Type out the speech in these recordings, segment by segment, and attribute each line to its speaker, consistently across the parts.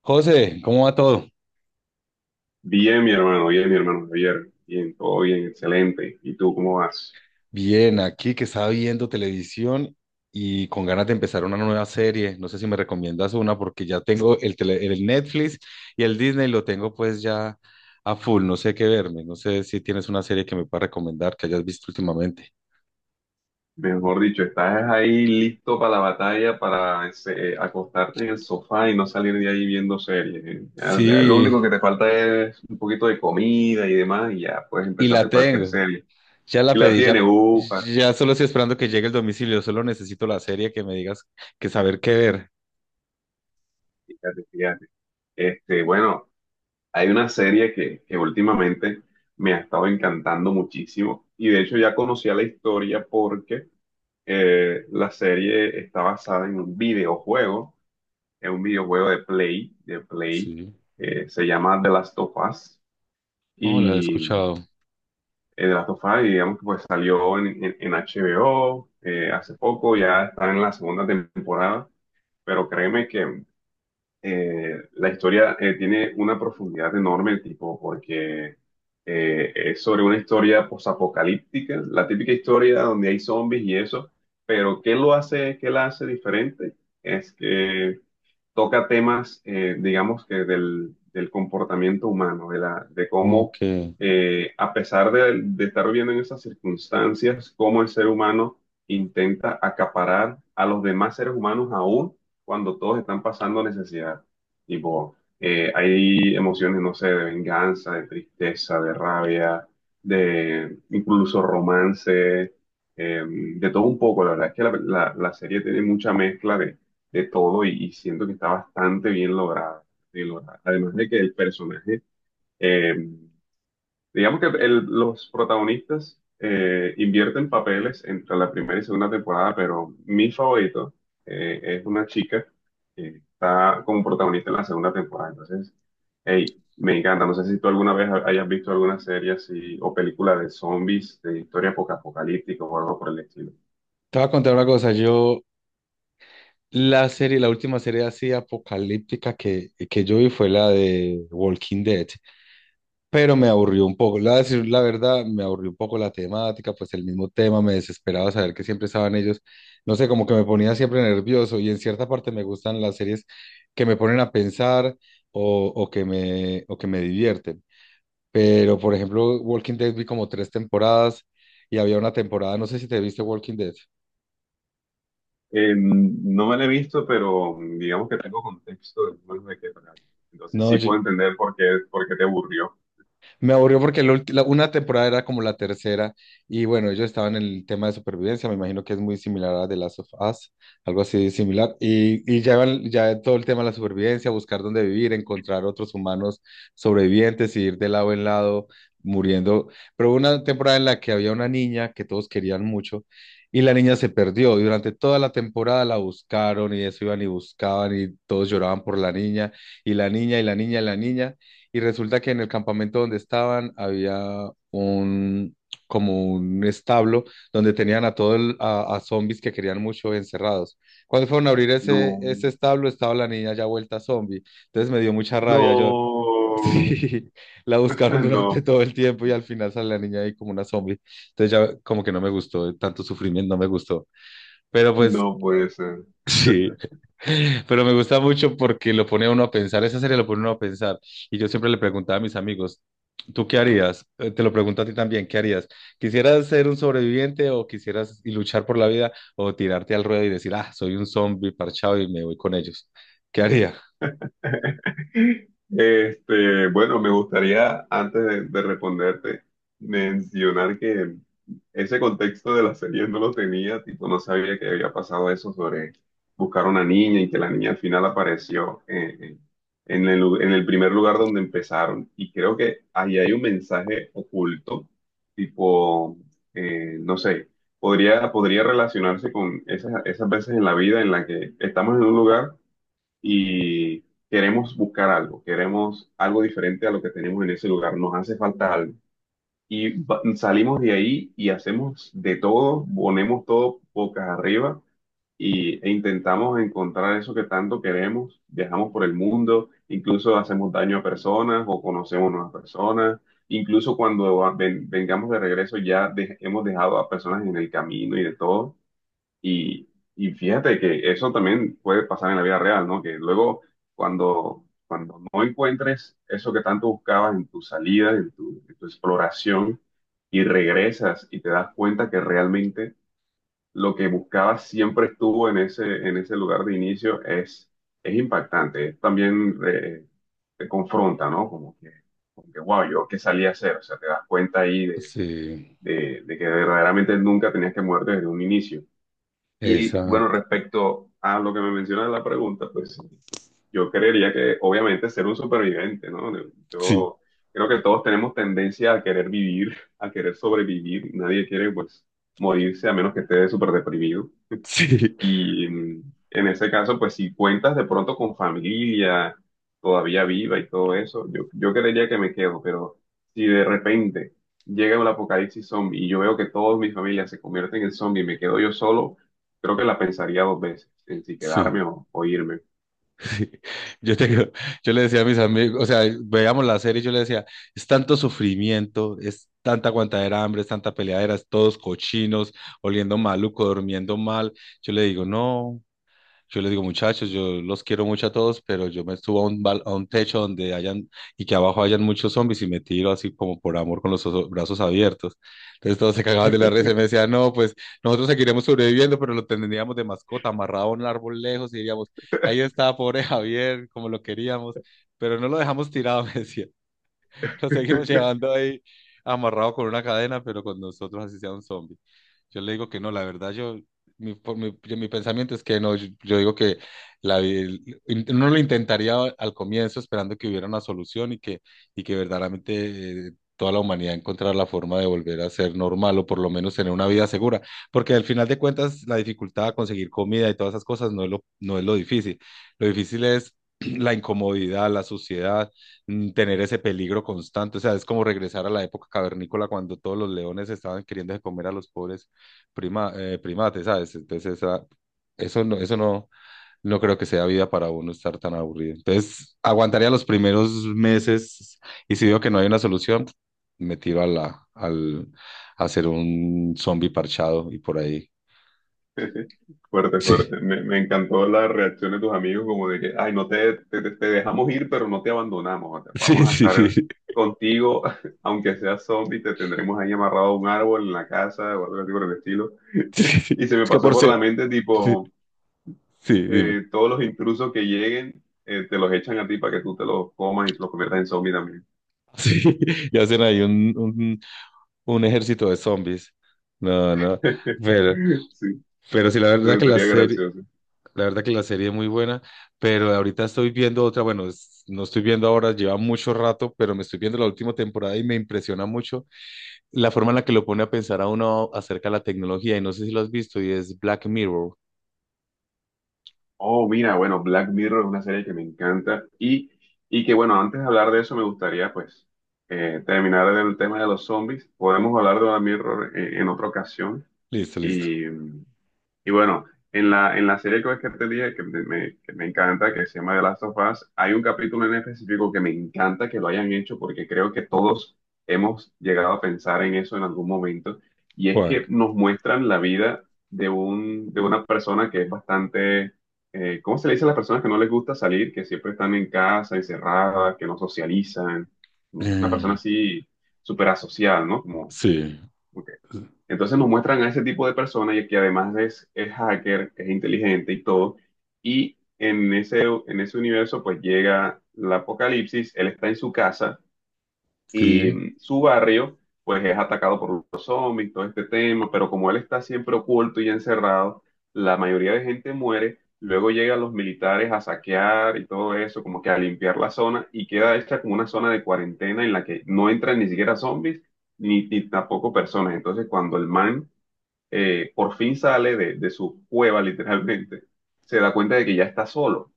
Speaker 1: José, ¿cómo va todo?
Speaker 2: Bien, mi hermano Javier. Bien, todo bien, excelente. ¿Y tú cómo vas?
Speaker 1: Bien, aquí que estaba viendo televisión y con ganas de empezar una nueva serie. No sé si me recomiendas una porque ya tengo el Netflix y el Disney lo tengo pues ya a full. No sé qué verme. No sé si tienes una serie que me pueda recomendar que hayas visto últimamente.
Speaker 2: Mejor dicho, ¿estás ahí listo para la batalla, para acostarte en el sofá y no salir de ahí viendo series, Ya lo
Speaker 1: Sí,
Speaker 2: único que te falta es un poquito de comida y demás, y ya puedes
Speaker 1: y la
Speaker 2: empezarte cualquier
Speaker 1: tengo.
Speaker 2: serie.
Speaker 1: Ya la
Speaker 2: Y la
Speaker 1: pedí, ya,
Speaker 2: tiene, upa,
Speaker 1: ya solo estoy esperando que llegue el domicilio. Solo necesito la serie que me digas que saber qué ver.
Speaker 2: fíjate, fíjate. Bueno, hay una serie que últimamente me ha estado encantando muchísimo, y de hecho ya conocía la historia porque la serie está basada en un videojuego de Play.
Speaker 1: Sí.
Speaker 2: Se llama The Last of Us.
Speaker 1: Oh, la he
Speaker 2: y eh,
Speaker 1: escuchado.
Speaker 2: The Last of Us, digamos que pues salió en HBO hace poco. Ya está en la segunda temporada, pero créeme que la historia tiene una profundidad enorme, tipo, porque es sobre una historia posapocalíptica, la típica historia donde hay zombies y eso, pero ¿qué lo hace, qué la hace diferente? Es que toca temas, digamos que del comportamiento humano, de cómo,
Speaker 1: Ok. Te
Speaker 2: a pesar de estar viviendo en esas circunstancias, cómo el ser humano intenta acaparar a los demás seres humanos aún cuando todos están pasando necesidad. Tipo, hay emociones, no sé, de venganza, de tristeza, de rabia, de incluso romance, de todo un poco. La verdad es que la serie tiene mucha mezcla de todo y siento que está bastante bien lograda, bien lograda. Además de que el personaje, eh, digamos que los protagonistas invierten papeles entre la primera y segunda temporada, pero mi favorito es una chica que está como protagonista en la segunda temporada. Entonces, hey, me encanta. No sé si tú alguna vez hayas visto alguna serie así o película de zombies, de historia apocalíptica o algo por el estilo.
Speaker 1: voy a contar una cosa. Yo La serie, la última serie así apocalíptica que yo vi fue la de Walking Dead, pero me aburrió un poco. Voy a decir la verdad, me aburrió un poco la temática, pues el mismo tema, me desesperaba saber que siempre estaban ellos, no sé, como que me ponía siempre nervioso y en cierta parte me gustan las series que me ponen a pensar o que me divierten. Pero, por ejemplo, Walking Dead vi como tres temporadas y había una temporada, no sé si te viste Walking Dead.
Speaker 2: No me la he visto, pero digamos que tengo contexto del juego de qué trata. Entonces
Speaker 1: No,
Speaker 2: sí puedo entender por qué te aburrió.
Speaker 1: me aburrió porque una temporada era como la tercera y bueno, ellos estaban en el tema de supervivencia, me imagino que es muy similar a The Last of Us, algo así similar, y ya todo el tema de la supervivencia, buscar dónde vivir, encontrar otros humanos sobrevivientes y ir de lado en lado muriendo. Pero hubo una temporada en la que había una niña que todos querían mucho y la niña se perdió y durante toda la temporada la buscaron y eso iban y buscaban y todos lloraban por la niña y la niña y la niña y la niña. Y resulta que en el campamento donde estaban había un como un establo donde tenían a a zombies que querían mucho encerrados. Cuando fueron a abrir
Speaker 2: No,
Speaker 1: ese establo, estaba la niña ya vuelta zombie. Entonces me dio mucha rabia.
Speaker 2: no,
Speaker 1: Sí, la buscaron durante
Speaker 2: no,
Speaker 1: todo el tiempo y al final sale la niña ahí como una zombie. Entonces ya como que no me gustó, tanto sufrimiento no me gustó. Pero pues,
Speaker 2: no puede ser.
Speaker 1: sí. Pero me gusta mucho porque lo pone a uno a pensar, esa serie lo pone a uno a pensar. Y yo siempre le preguntaba a mis amigos, ¿tú qué harías? Te lo pregunto a ti también, ¿qué harías? ¿Quisieras ser un sobreviviente o quisieras y luchar por la vida o tirarte al ruedo y decir, ah, soy un zombie parchado y me voy con ellos? ¿Qué haría?
Speaker 2: Bueno, me gustaría, antes de responderte, mencionar que ese contexto de la serie no lo tenía, tipo, no sabía que había pasado eso sobre buscar una niña y que la niña al final apareció en en el primer lugar donde empezaron. Y creo que ahí hay un mensaje oculto, tipo, no sé, podría relacionarse con esas veces en la vida en la que estamos en un lugar y queremos buscar algo, queremos algo diferente a lo que tenemos en ese lugar, nos hace falta algo. Y salimos de ahí y hacemos de todo, ponemos todo bocas arriba y, e intentamos encontrar eso que tanto queremos, viajamos por el mundo, incluso hacemos daño a personas o conocemos nuevas personas. Incluso cuando vengamos de regreso ya hemos dejado a personas en el camino y de todo y, y fíjate que eso también puede pasar en la vida real, ¿no? Que luego cuando no encuentres eso que tanto buscabas en tu salida, en tu exploración, y regresas y te das cuenta que realmente lo que buscabas siempre estuvo en en ese lugar de inicio, es impactante. Es también te confronta, ¿no? Como que wow, yo qué salí a hacer. O sea, te das cuenta ahí de,
Speaker 1: Sí,
Speaker 2: de que verdaderamente nunca tenías que moverte desde un inicio. Y
Speaker 1: esa,
Speaker 2: bueno, respecto a lo que me menciona en la pregunta, pues yo creería que obviamente ser un superviviente, ¿no?
Speaker 1: sí,
Speaker 2: Yo creo que todos tenemos tendencia a querer vivir, a querer sobrevivir. Nadie quiere pues morirse a menos que esté súper deprimido.
Speaker 1: sí,
Speaker 2: Y mm, en ese caso, pues si cuentas de pronto con familia todavía viva y todo eso, yo creería que me quedo, pero si de repente llega un apocalipsis zombie y yo veo que toda mi familia se convierte en zombie y me quedo yo solo, creo que la pensaría dos veces en si
Speaker 1: sí.
Speaker 2: quedarme o irme.
Speaker 1: Sí, yo, tengo- yo le decía a mis amigos, o sea, veíamos la serie y yo le decía, es tanto sufrimiento, es tanta aguantadera de hambre, es tanta peleadera, es todos cochinos, oliendo maluco, durmiendo mal. No, yo les digo, muchachos, yo los quiero mucho a todos, pero yo me subo a a un techo donde hayan y que abajo hayan muchos zombies y me tiro así como por amor con los brazos abiertos. Entonces todos se cagaban de la risa y me decían, no, pues nosotros seguiremos sobreviviendo, pero lo tendríamos de mascota amarrado a un árbol lejos y diríamos, ahí está, pobre Javier, como lo queríamos, pero no lo dejamos tirado, me decían. Lo seguimos llevando ahí amarrado con una cadena, pero con nosotros así sea un zombie. Yo le digo que no, la verdad, yo, mi, por mi, yo- mi pensamiento es que no, yo digo que uno lo intentaría al comienzo esperando que hubiera una solución y que verdaderamente toda la humanidad encontrara la forma de volver a ser normal o por lo menos tener una vida segura, porque al final de cuentas la dificultad a conseguir comida y todas esas cosas no es lo difícil es la incomodidad, la suciedad tener ese peligro constante. O sea, es como regresar a la época cavernícola cuando todos los leones estaban queriendo comer a los pobres primates, ¿sabes? Entonces, eso no, no creo que sea vida para uno estar tan aburrido. Entonces, aguantaría los primeros meses y si veo que no hay una solución, me tiro a ser un zombie parchado y por ahí.
Speaker 2: Fuerte, fuerte. Me encantó la reacción de tus amigos, como de que, ay, no te, te, te dejamos ir, pero no te abandonamos.
Speaker 1: Sí,
Speaker 2: Vamos a
Speaker 1: sí, sí,
Speaker 2: estar
Speaker 1: sí.
Speaker 2: contigo, aunque seas zombie, te tendremos ahí amarrado a un árbol en la casa o algo así por el estilo.
Speaker 1: Sí, sí, sí.
Speaker 2: Y se me
Speaker 1: Es que
Speaker 2: pasó
Speaker 1: por
Speaker 2: por la
Speaker 1: ser,
Speaker 2: mente,
Speaker 1: Sí,
Speaker 2: tipo,
Speaker 1: sí, dime.
Speaker 2: todos los intrusos que lleguen, te los echan a ti para que tú te los comas y te los conviertas en zombie también.
Speaker 1: Sí, y hacen ahí un ejército de zombies. No, no, pero,
Speaker 2: Sí,
Speaker 1: pero sí,
Speaker 2: eso estaría gracioso.
Speaker 1: la verdad que la serie es muy buena, pero ahorita estoy viendo otra, bueno, no estoy viendo ahora, lleva mucho rato, pero me estoy viendo la última temporada y me impresiona mucho la forma en la que lo pone a pensar a uno acerca de la tecnología, y no sé si lo has visto, y es Black Mirror.
Speaker 2: Oh, mira, bueno, Black Mirror es una serie que me encanta y que, bueno, antes de hablar de eso me gustaría, pues, terminar del tema de los zombies. Podemos hablar de Black Mirror en otra ocasión
Speaker 1: Listo, listo.
Speaker 2: y bueno, en en la serie que te dije que que me encanta, que se llama The Last of Us, hay un capítulo en específico que me encanta que lo hayan hecho porque creo que todos hemos llegado a pensar en eso en algún momento. Y es
Speaker 1: Juan.
Speaker 2: que nos muestran la vida de un, de una persona que es bastante, ¿cómo se le dice a las personas que no les gusta salir, que siempre están en casa, encerradas, que no socializan? Como una persona
Speaker 1: Mm,
Speaker 2: así súper asocial, ¿no? Como,
Speaker 1: sí,
Speaker 2: como entonces nos muestran a ese tipo de personas y que además es hacker, es inteligente y todo. Y en en ese universo pues llega el apocalipsis, él está en su casa y
Speaker 1: sí,
Speaker 2: mm, su barrio pues es atacado por los zombies, todo este tema, pero como él está siempre oculto y encerrado, la mayoría de gente muere. Luego llegan los militares a saquear y todo eso, como que a limpiar la zona y queda hecha como una zona de cuarentena en la que no entran ni siquiera zombies ni tampoco personas. Entonces cuando el man por fin sale de su cueva literalmente, se da cuenta de que ya está solo.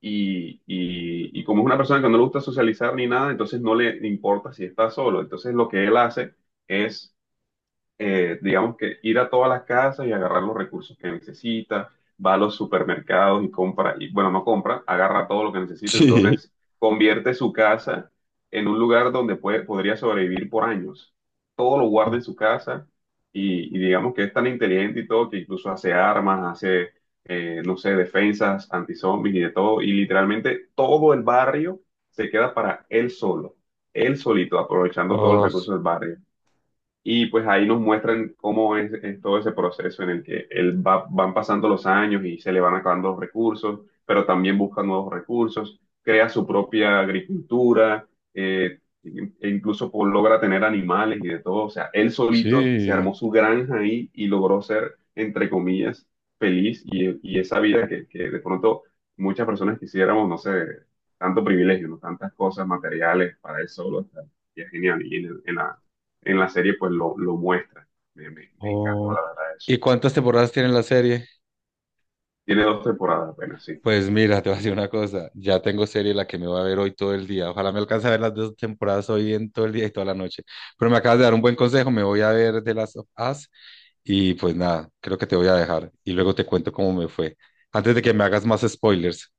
Speaker 2: Y como es una persona que no le gusta socializar ni nada, entonces no le importa si está solo. Entonces lo que él hace es digamos que ir a todas las casas y agarrar los recursos que necesita, va a los supermercados y compra, y bueno, no compra, agarra todo lo que necesita,
Speaker 1: sí.
Speaker 2: entonces convierte su casa en un lugar donde podría sobrevivir por años. Todo lo guarda en su casa y digamos que es tan inteligente y todo que incluso hace armas, hace, no sé, defensas, antizombis y de todo, y literalmente todo el barrio se queda para él solo, él solito, aprovechando todos los
Speaker 1: Ah,
Speaker 2: recursos del barrio. Y pues ahí nos muestran cómo es todo ese proceso en el que él va, van pasando los años y se le van acabando los recursos, pero también busca nuevos recursos, crea su propia agricultura, e incluso logra tener animales y de todo. O sea, él solito se
Speaker 1: sí.
Speaker 2: armó su granja ahí y logró ser, entre comillas, feliz y esa vida que de pronto muchas personas quisiéramos, no sé, tanto privilegio, ¿no? Tantas cosas materiales para él solo. O sea, y es genial. Y en la serie pues lo muestra. Me encantó
Speaker 1: Oh,
Speaker 2: la verdad
Speaker 1: ¿y
Speaker 2: eso.
Speaker 1: cuántas temporadas tiene la serie?
Speaker 2: Tiene dos temporadas apenas, sí.
Speaker 1: Pues mira, te voy a decir una cosa, ya tengo serie la que me voy a ver hoy todo el día. Ojalá me alcance a ver las dos temporadas hoy en todo el día y toda la noche. Pero me acabas de dar un buen consejo, me voy a ver de las of Us y pues nada, creo que te voy a dejar y luego te cuento cómo me fue. Antes de que me hagas más spoilers.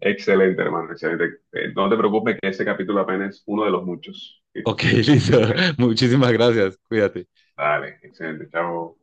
Speaker 2: Excelente, hermano, excelente. No te preocupes que ese capítulo apenas es uno de los muchos.
Speaker 1: Ok,
Speaker 2: Que
Speaker 1: listo.
Speaker 2: esté.
Speaker 1: Muchísimas gracias. Cuídate.
Speaker 2: Dale, excelente, chao.